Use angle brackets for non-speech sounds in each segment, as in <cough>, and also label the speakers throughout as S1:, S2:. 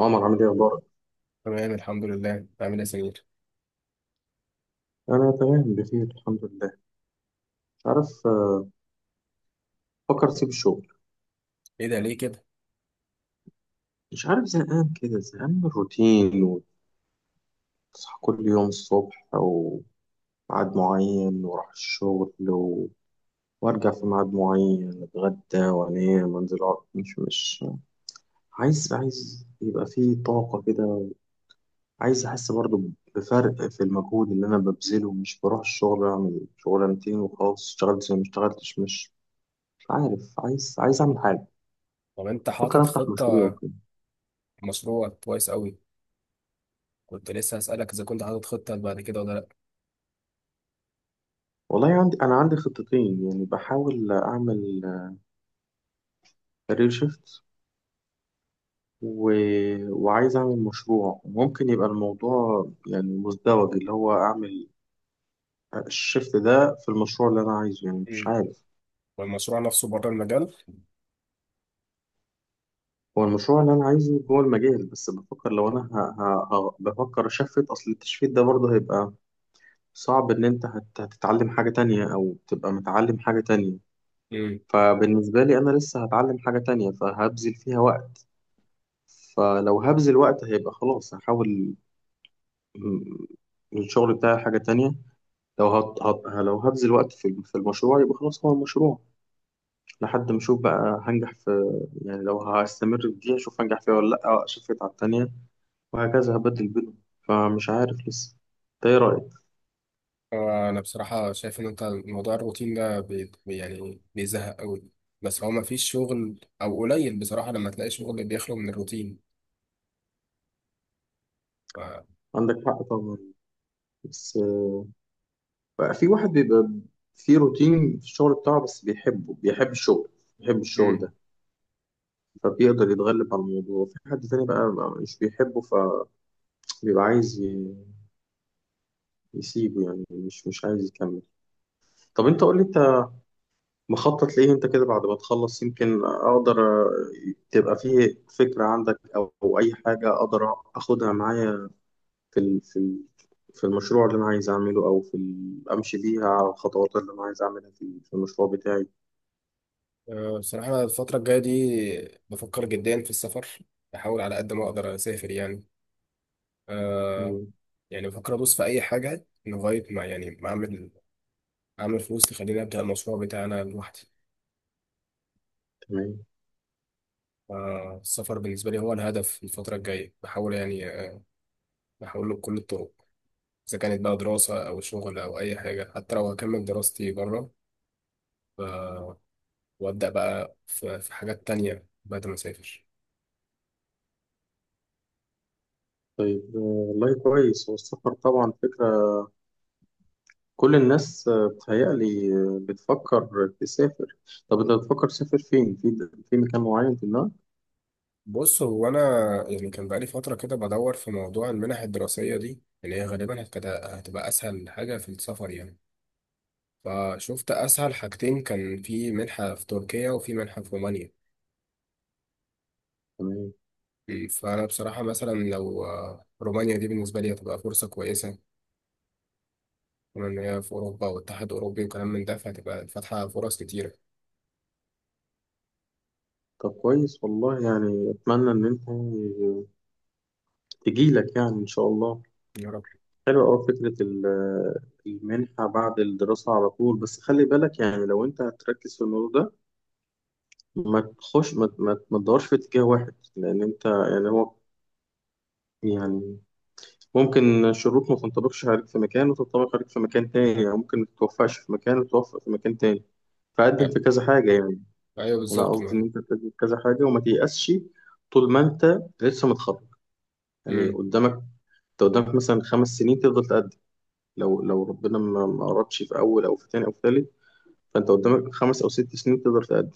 S1: عمر، عامل ايه؟ اخبارك؟
S2: تمام، الحمد لله. عامل ايه يا سمير؟
S1: انا تمام بخير، الحمد لله. مش عارف، فكر اسيب الشغل.
S2: ايه ده، ليه كده؟
S1: مش عارف، زهقان كده، زهقان من الروتين. وتصحى كل يوم الصبح وميعاد معين، واروح الشغل و... وارجع في ميعاد معين، اتغدى وانام وانزل اقعد. مش عايز يبقى فيه طاقة كده. عايز احس برضو بفرق في المجهود اللي انا ببذله، مش بروح الشغل اعمل شغلانتين وخلاص، اشتغلت زي ما اشتغلتش. مش عارف، عايز اعمل حاجة.
S2: طب انت
S1: بفكر
S2: حاطط
S1: افتح مشروع
S2: خطة؟
S1: كده.
S2: مشروع كويس قوي. كنت لسه هسألك اذا كنت حاطط خطة بعد كده ولا لا.
S1: والله عندي خطتين، يعني بحاول أعمل كارير شيفت، و... وعايز أعمل مشروع. وممكن يبقى الموضوع يعني مزدوج، اللي هو أعمل الشيفت ده في المشروع اللي أنا عايزه، يعني مش
S2: امم
S1: عارف.
S2: والمشروع نفسه بره المجال؟
S1: هو المشروع اللي أنا عايزه جوه المجال، بس بفكر لو أنا بفكر أشفت. أصل التشفيت ده برضه هيبقى صعب، إن أنت هتتعلم حاجة تانية أو تبقى متعلم حاجة تانية.
S2: امم
S1: فبالنسبة لي أنا لسه هتعلم حاجة تانية، فهبذل فيها وقت. فلو هبذل وقت هيبقى خلاص، هحاول م- الشغل بتاعي حاجة تانية. لو لو هبذل وقت في المشروع، يبقى خلاص هو المشروع لحد ما أشوف بقى هنجح في. يعني لو هستمر في دي أشوف هنجح فيها ولا لأ، أشفت على التانية، وهكذا هبدل بينهم. فمش عارف لسه. أنت إيه رأيك؟
S2: انا بصراحة شايف ان انت موضوع الروتين ده يعني بيزهق قوي. بس هو مفيش شغل، او قليل بصراحة لما تلاقي شغل بيخلو من الروتين. ف...
S1: عندك حق طبعا، بس بقى في واحد بيبقى في روتين في الشغل بتاعه بس بيحبه، بيحب الشغل، بيحب الشغل
S2: امم
S1: ده، فبيقدر يتغلب على الموضوع. في حد تاني بقى مش بيحبه، ف بيبقى عايز يسيبه، يعني مش عايز يكمل. طب انت قول لي انت مخطط ليه انت كده بعد ما تخلص، يمكن اقدر، تبقى فيه فكرة عندك، او اي حاجة اقدر اخدها معايا في المشروع اللي انا عايز اعمله، او امشي بيها على الخطوات اللي انا عايز اعملها في المشروع بتاعي.
S2: بصراحة أنا الفترة الجاية دي بفكر جدا في السفر. بحاول على قد ما اقدر اسافر يعني. آه،
S1: مم،
S2: يعني بفكر ادوس في اي حاجه لغايه ما، يعني ما اعمل، اعمل فلوس تخليني ابدا المشروع بتاعي انا لوحدي.
S1: تمام.
S2: فالسفر بالنسبه لي هو الهدف الفتره الجايه، بحاول يعني. بحاول له بكل الطرق، اذا كانت بقى دراسه او شغل او اي حاجه، حتى لو هكمل دراستي بره. ف- وابدا بقى في حاجات تانية بعد ما اسافر.
S1: طيب، والله كويس، هو السفر طبعا فكرة. كل الناس بتهيألي بتفكر تسافر. طب انت بتفكر تسافر فين؟ في مكان معين في دماغك؟
S2: بص هو انا، يعني كان بقالي فتره كده بدور في موضوع المنح الدراسيه دي اللي هي غالبا هتبقى اسهل حاجه في السفر يعني. فشفت أسهل حاجتين، كان في منحة في تركيا وفي منحة في رومانيا.
S1: تمام.
S2: مم. فأنا بصراحة مثلا لو، رومانيا دي بالنسبة لي هتبقى فرصة كويسة، كمان إن هي في أوروبا واتحاد أوروبي وكلام من ده فهتبقى فاتحة فرص كتيرة.
S1: طب كويس والله، يعني اتمنى ان انت تجيلك، يعني ان شاء الله.
S2: يا رب.
S1: حلوة أوي فكرة المنحة بعد الدراسة على طول. بس خلي بالك، يعني لو أنت هتركز في الموضوع ده، ما تخش، ما تدورش في اتجاه واحد، لأن أنت يعني هو يعني ممكن الشروط ما تنطبقش عليك في مكان وتنطبق عليك في مكان تاني، أو ممكن ما تتوفقش في مكان وتتوفق في مكان تاني. فقدم
S2: آه،
S1: في كذا حاجة يعني.
S2: أيوه
S1: أنا
S2: بالظبط
S1: قصدي إن
S2: ما.
S1: أنت تقدم في كذا حاجة وما تيأسش. طول ما أنت لسه متخرج، يعني
S2: مم.
S1: قدامك، أنت قدامك مثلا 5 سنين تفضل تقدم. لو ربنا ما أردش في أول أو في تاني أو في تالت، فأنت قدامك 5 أو 6 سنين تقدر تقدم.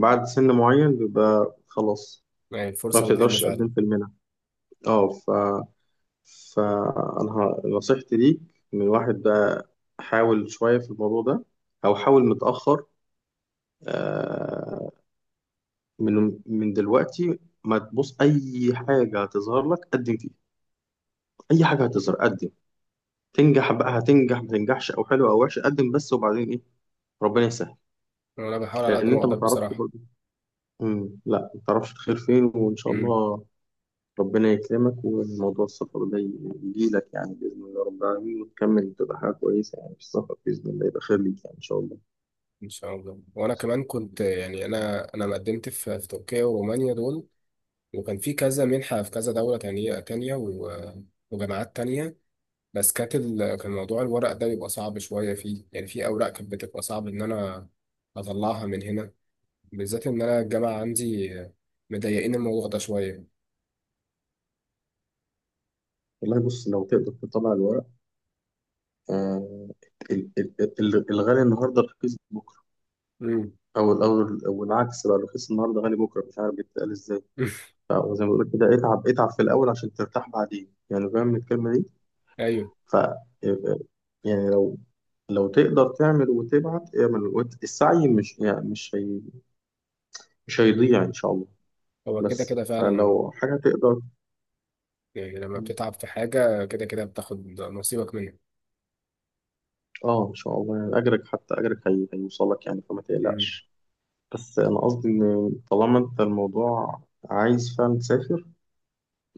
S1: بعد سن معين بيبقى خلاص
S2: يعني
S1: ما
S2: الفرصة بتقل
S1: بتقدرش
S2: فعلا.
S1: تقدم في المنح. اه. فأنا نصيحتي ليك من واحد بقى، حاول شوية في الموضوع ده، أو حاول متأخر، آه، من من دلوقتي ما تبص أي حاجة هتظهر لك قدم فيها. أي حاجة هتظهر قدم. تنجح بقى هتنجح، ما تنجحش أو حلو أو وحش، قدم بس وبعدين إيه، ربنا يسهل.
S2: وأنا بحاول على قد
S1: لأن
S2: ما
S1: أنت
S2: أقدر
S1: ما تعرفش
S2: بصراحة.
S1: برضه، لا، ما تعرفش الخير فين، وإن شاء
S2: مم.
S1: الله ربنا يكرمك. وموضوع السفر ده يجيلك، يعني بإذن الله رب العالمين، وتكمل تبقى حاجة كويسة يعني في السفر، بإذن الله يبقى خير ليك يعني إن شاء الله.
S2: إن شاء الله. وأنا كمان كنت، يعني أنا مقدمت في تركيا ورومانيا دول، وكان في كذا منحة في كذا دولة تانية وجامعات تانية. بس كانت كان موضوع الورق ده بيبقى صعب شوية فيه. يعني في أوراق كانت بتبقى صعب إن أنا أطلعها من هنا، بالذات إن أنا الجامعة عندي مضايقين الموضوع ده شوية.
S1: والله بص، لو تقدر تطلع الورق. آه، ال- ال- الغالي النهاردة رخيص بكرة،
S2: مم.
S1: أو الأول، أو العكس بقى، رخيص النهاردة غالي بكرة، مش عارف بيتقال إزاي.
S2: <laughs>
S1: وزي ما بقول كده، اتعب اتعب في الأول عشان ترتاح بعدين، يعني فاهم الكلمة دي.
S2: أيوه،
S1: ف يعني لو تقدر تعمل وتبعت اعمل، السعي مش، يعني مش هي، مش هيضيع إن شاء الله.
S2: هو كده
S1: بس
S2: كده فعلا.
S1: فلو حاجة تقدر.
S2: يعني لما بتتعب في حاجة كده كده بتاخد نصيبك منها.
S1: اه، ان شاء الله، يعني اجرك حتى اجرك هيوصلك يعني، فما
S2: مم.
S1: تقلقش. بس انا قصدي ان طالما انت الموضوع عايز فعلا تسافر،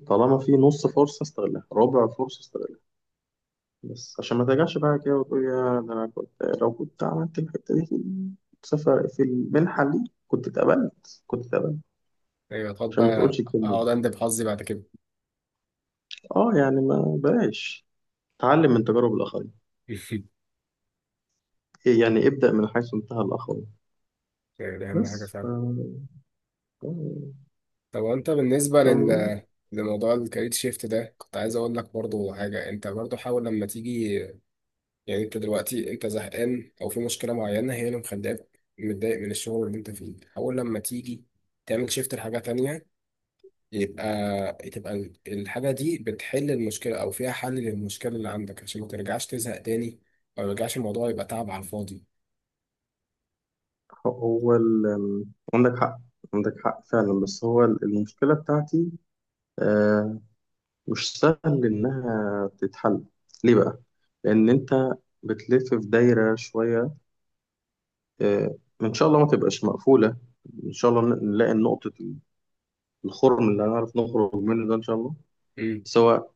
S1: طالما في نص فرصة استغلها، ربع فرصة استغلها، بس عشان ما ترجعش بقى كده وتقول يا ده انا كنت، لو كنت عملت الحتة دي في السفر في المنحة دي كنت اتقبلت، كنت اتقبلت.
S2: أيوه، هتقعد
S1: عشان ما تقولش
S2: بقى
S1: الكلمة دي.
S2: أقعد أندب حظي بعد كده.
S1: اه، يعني ما بلاش، تعلم من تجارب الآخرين.
S2: <laughs>
S1: إيه يعني، ابدأ من حيث انتهى الآخرين.
S2: يعني دي أهم حاجة
S1: بس
S2: فعلا.
S1: توم
S2: طب، وأنت بالنسبة
S1: توم.
S2: لموضوع الكارير شيفت ده كنت عايز أقول لك برضو حاجة. أنت برضو حاول لما تيجي. يعني انت دلوقتي انت زهقان او في مشكله معينه هي اللي مخليك متضايق من الشغل اللي انت فيه، حاول لما تيجي تعمل شيفت لحاجه تانية. يبقى الحاجه دي بتحل المشكله، او فيها حل للمشكله اللي عندك، عشان ما ترجعش تزهق تاني، او ما يرجعش الموضوع يبقى تعب على الفاضي.
S1: هو ال... عندك حق، عندك حق فعلا. بس هو المشكلة بتاعتي، آه، مش سهل إنها تتحل. ليه بقى؟ لأن أنت بتلف في دايرة شوية. إن شاء الله ما تبقاش مقفولة، إن شاء الله نلاقي نقطة الخرم اللي هنعرف نخرج منه ده، إن شاء الله.
S2: امم
S1: بس هو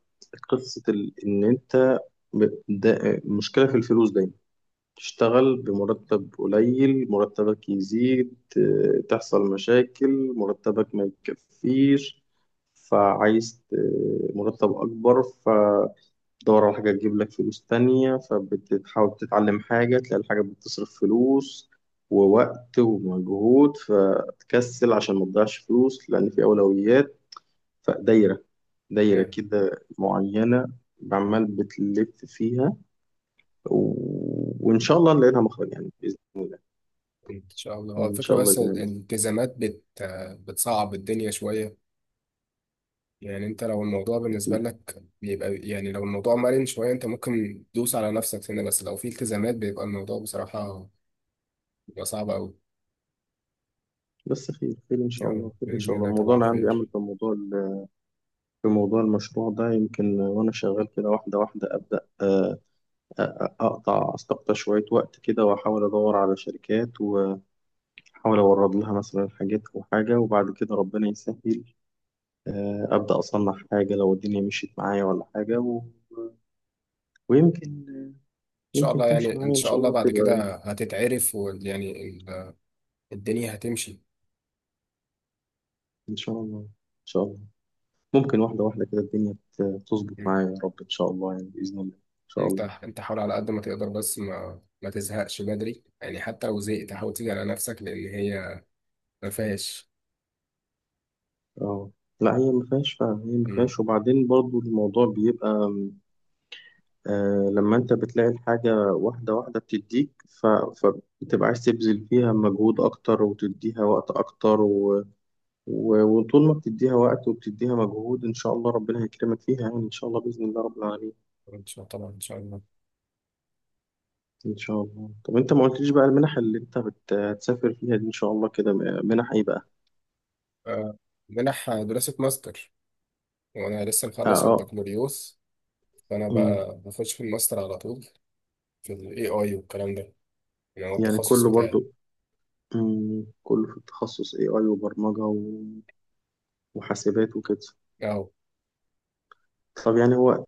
S1: قصة إن أنت مشكلة في الفلوس دايما، تشتغل بمرتب قليل، مرتبك يزيد، تحصل مشاكل، مرتبك ما يكفيش، فعايز مرتب أكبر، فتدور على حاجة تجيب لك فلوس تانية، فبتحاول تتعلم حاجة، تلاقي الحاجة بتصرف فلوس ووقت ومجهود، فتكسل عشان ما تضيعش فلوس لأن في أولويات. فدايرة كده معينة عمال بتلف فيها، و... وإن شاء الله نلاقي لها مخرج، يعني بإذن الله،
S2: ان شاء الله. هو
S1: يعني إن
S2: الفكره،
S1: شاء الله
S2: بس
S1: يبقى لها
S2: الالتزامات بتصعب الدنيا شويه. يعني انت لو الموضوع بالنسبة
S1: مخرج.
S2: لك بيبقى، يعني لو الموضوع مرن شوية انت ممكن تدوس على نفسك هنا. بس لو في التزامات بيبقى الموضوع بصراحة بيبقى صعب أوي.
S1: بس خير خير إن شاء
S2: يلا
S1: الله، خير إن
S2: بإذن
S1: شاء الله.
S2: الله،
S1: الموضوع
S2: طبعا
S1: اللي عندي
S2: خير.
S1: أمل في موضوع في موضوع المشروع ده، يمكن وأنا شغال كده واحدة واحدة أبدأ، أستقطع شوية وقت كده، وأحاول أدور على شركات، وأحاول أورد لها مثلا حاجات أو حاجة، وبعد كده ربنا يسهل، أبدأ أصنع حاجة لو الدنيا مشيت معايا ولا حاجة. و... ويمكن،
S2: إن شاء
S1: يمكن
S2: الله،
S1: تمشي
S2: يعني إن
S1: معايا إن
S2: شاء
S1: شاء
S2: الله
S1: الله
S2: بعد
S1: تبقى،
S2: كده هتتعرف، ويعني الدنيا هتمشي.
S1: إن شاء الله، إن شاء الله. ممكن واحدة واحدة كده الدنيا تظبط
S2: مم.
S1: معايا يا رب، إن شاء الله يعني بإذن الله إن شاء
S2: انت
S1: الله.
S2: انت حاول على قد ما تقدر، بس ما تزهقش بدري. يعني حتى لو زهقت حاول تيجي على نفسك، لأن هي ما فيهاش.
S1: أه، لا هي ما فيهاش فعلا، هي ما
S2: مم.
S1: فيهاش. وبعدين برضو الموضوع بيبقى، لما أنت بتلاقي الحاجة واحدة واحدة بتديك، ف... فبتبقى عايز تبذل فيها مجهود أكتر، وتديها وقت أكتر، و... و... وطول ما بتديها وقت وبتديها مجهود، إن شاء الله ربنا هيكرمك فيها، يعني إن شاء الله بإذن الله رب العالمين.
S2: إن شاء الله طبعا، إن شاء الله.
S1: إن شاء الله. طب أنت ما قلتليش بقى المنح اللي أنت هتسافر فيها دي إن شاء الله كده منح إيه بقى؟
S2: آه، منح دراسة ماستر. وانا لسه مخلص
S1: أه،
S2: البكالوريوس، فانا
S1: أه،
S2: بقى بخش في الماستر على طول، في الاي اي والكلام ده. يعني هو
S1: يعني
S2: التخصص
S1: كله
S2: بتاعي.
S1: برضو؟ مم، كله في التخصص AI وبرمجة وحاسبات وكده.
S2: اهو.
S1: طب يعني هو،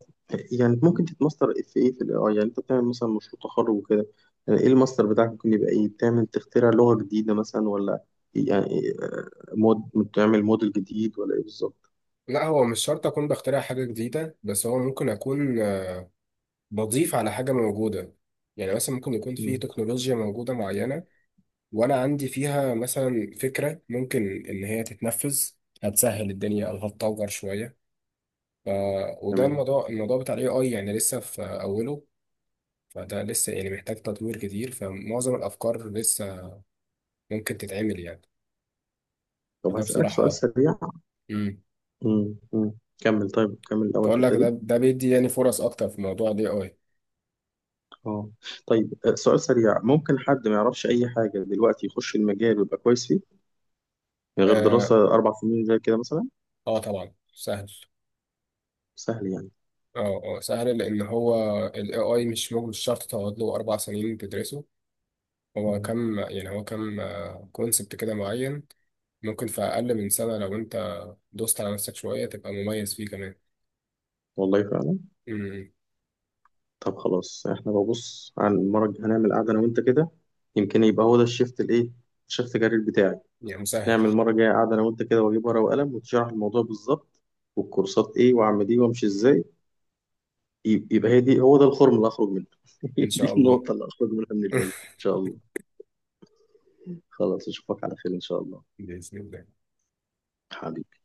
S1: يعني ممكن تتماستر في ايه؟ في ال AI يعني؟ انت بتعمل مثلا مشروع تخرج وكده، يعني ايه الماستر بتاعك ممكن يبقى ايه؟ بتعمل تخترع لغة جديدة مثلا، ولا يعني إيه؟ بتعمل موديل جديد ولا ايه بالظبط؟
S2: لا، هو مش شرط اكون بخترع حاجه جديده، بس هو ممكن اكون، بضيف على حاجه موجوده. يعني مثلا ممكن يكون في
S1: مم،
S2: تكنولوجيا موجوده معينه، وانا عندي فيها مثلا فكره ممكن ان هي تتنفذ، هتسهل الدنيا او هتطور شويه. ف... وده
S1: تمام.
S2: الموضوع، بتاع الاي اي يعني لسه في اوله. فده لسه يعني محتاج تطوير كتير، فمعظم الافكار لسه ممكن تتعمل يعني.
S1: طب
S2: فده
S1: هسألك سؤال
S2: بصراحة.
S1: سريع.
S2: امم
S1: مم، مم. كمل، طيب كمل الأول
S2: تقول لك
S1: الحتة
S2: ده
S1: دي.
S2: ده بيدي يعني فرص أكتر في موضوع ال AI.
S1: اه. طيب، سؤال سريع، ممكن حد ما يعرفش أي حاجة دلوقتي يخش المجال ويبقى كويس؟ يعني غير دراسة
S2: آه,
S1: 4 سنين زي كده مثلا؟
S2: طبعا سهل.
S1: سهل يعني.
S2: سهل لأن هو ال AI مش شرط تقعد له 4 سنين تدرسه.
S1: مم.
S2: هو كم كونسبت كده معين. ممكن في أقل من سنة لو أنت دوست على نفسك شوية تبقى مميز فيه كمان.
S1: والله فعلا.
S2: امم
S1: طب خلاص، احنا ببص عن المرة الجاية هنعمل قعدة أنا وأنت كده، يمكن يبقى هو ده الشيفت الإيه، الشيفت كارير بتاعي.
S2: يعني مسهل.
S1: نعمل المرة الجاية قعدة أنا وأنت كده، وأجيب ورقة وقلم وتشرح الموضوع بالظبط، والكورسات إيه، وأعمل إيه، وأمشي إزاي. يبقى هي دي، هو ده الخرم اللي هخرج منه <laughs> هي
S2: إن شاء
S1: دي
S2: الله.
S1: النقطة اللي هخرج منها من الليل إن
S2: <laughs>
S1: شاء الله. خلاص، أشوفك على خير إن شاء الله.
S2: بإذن الله.
S1: حبيبي.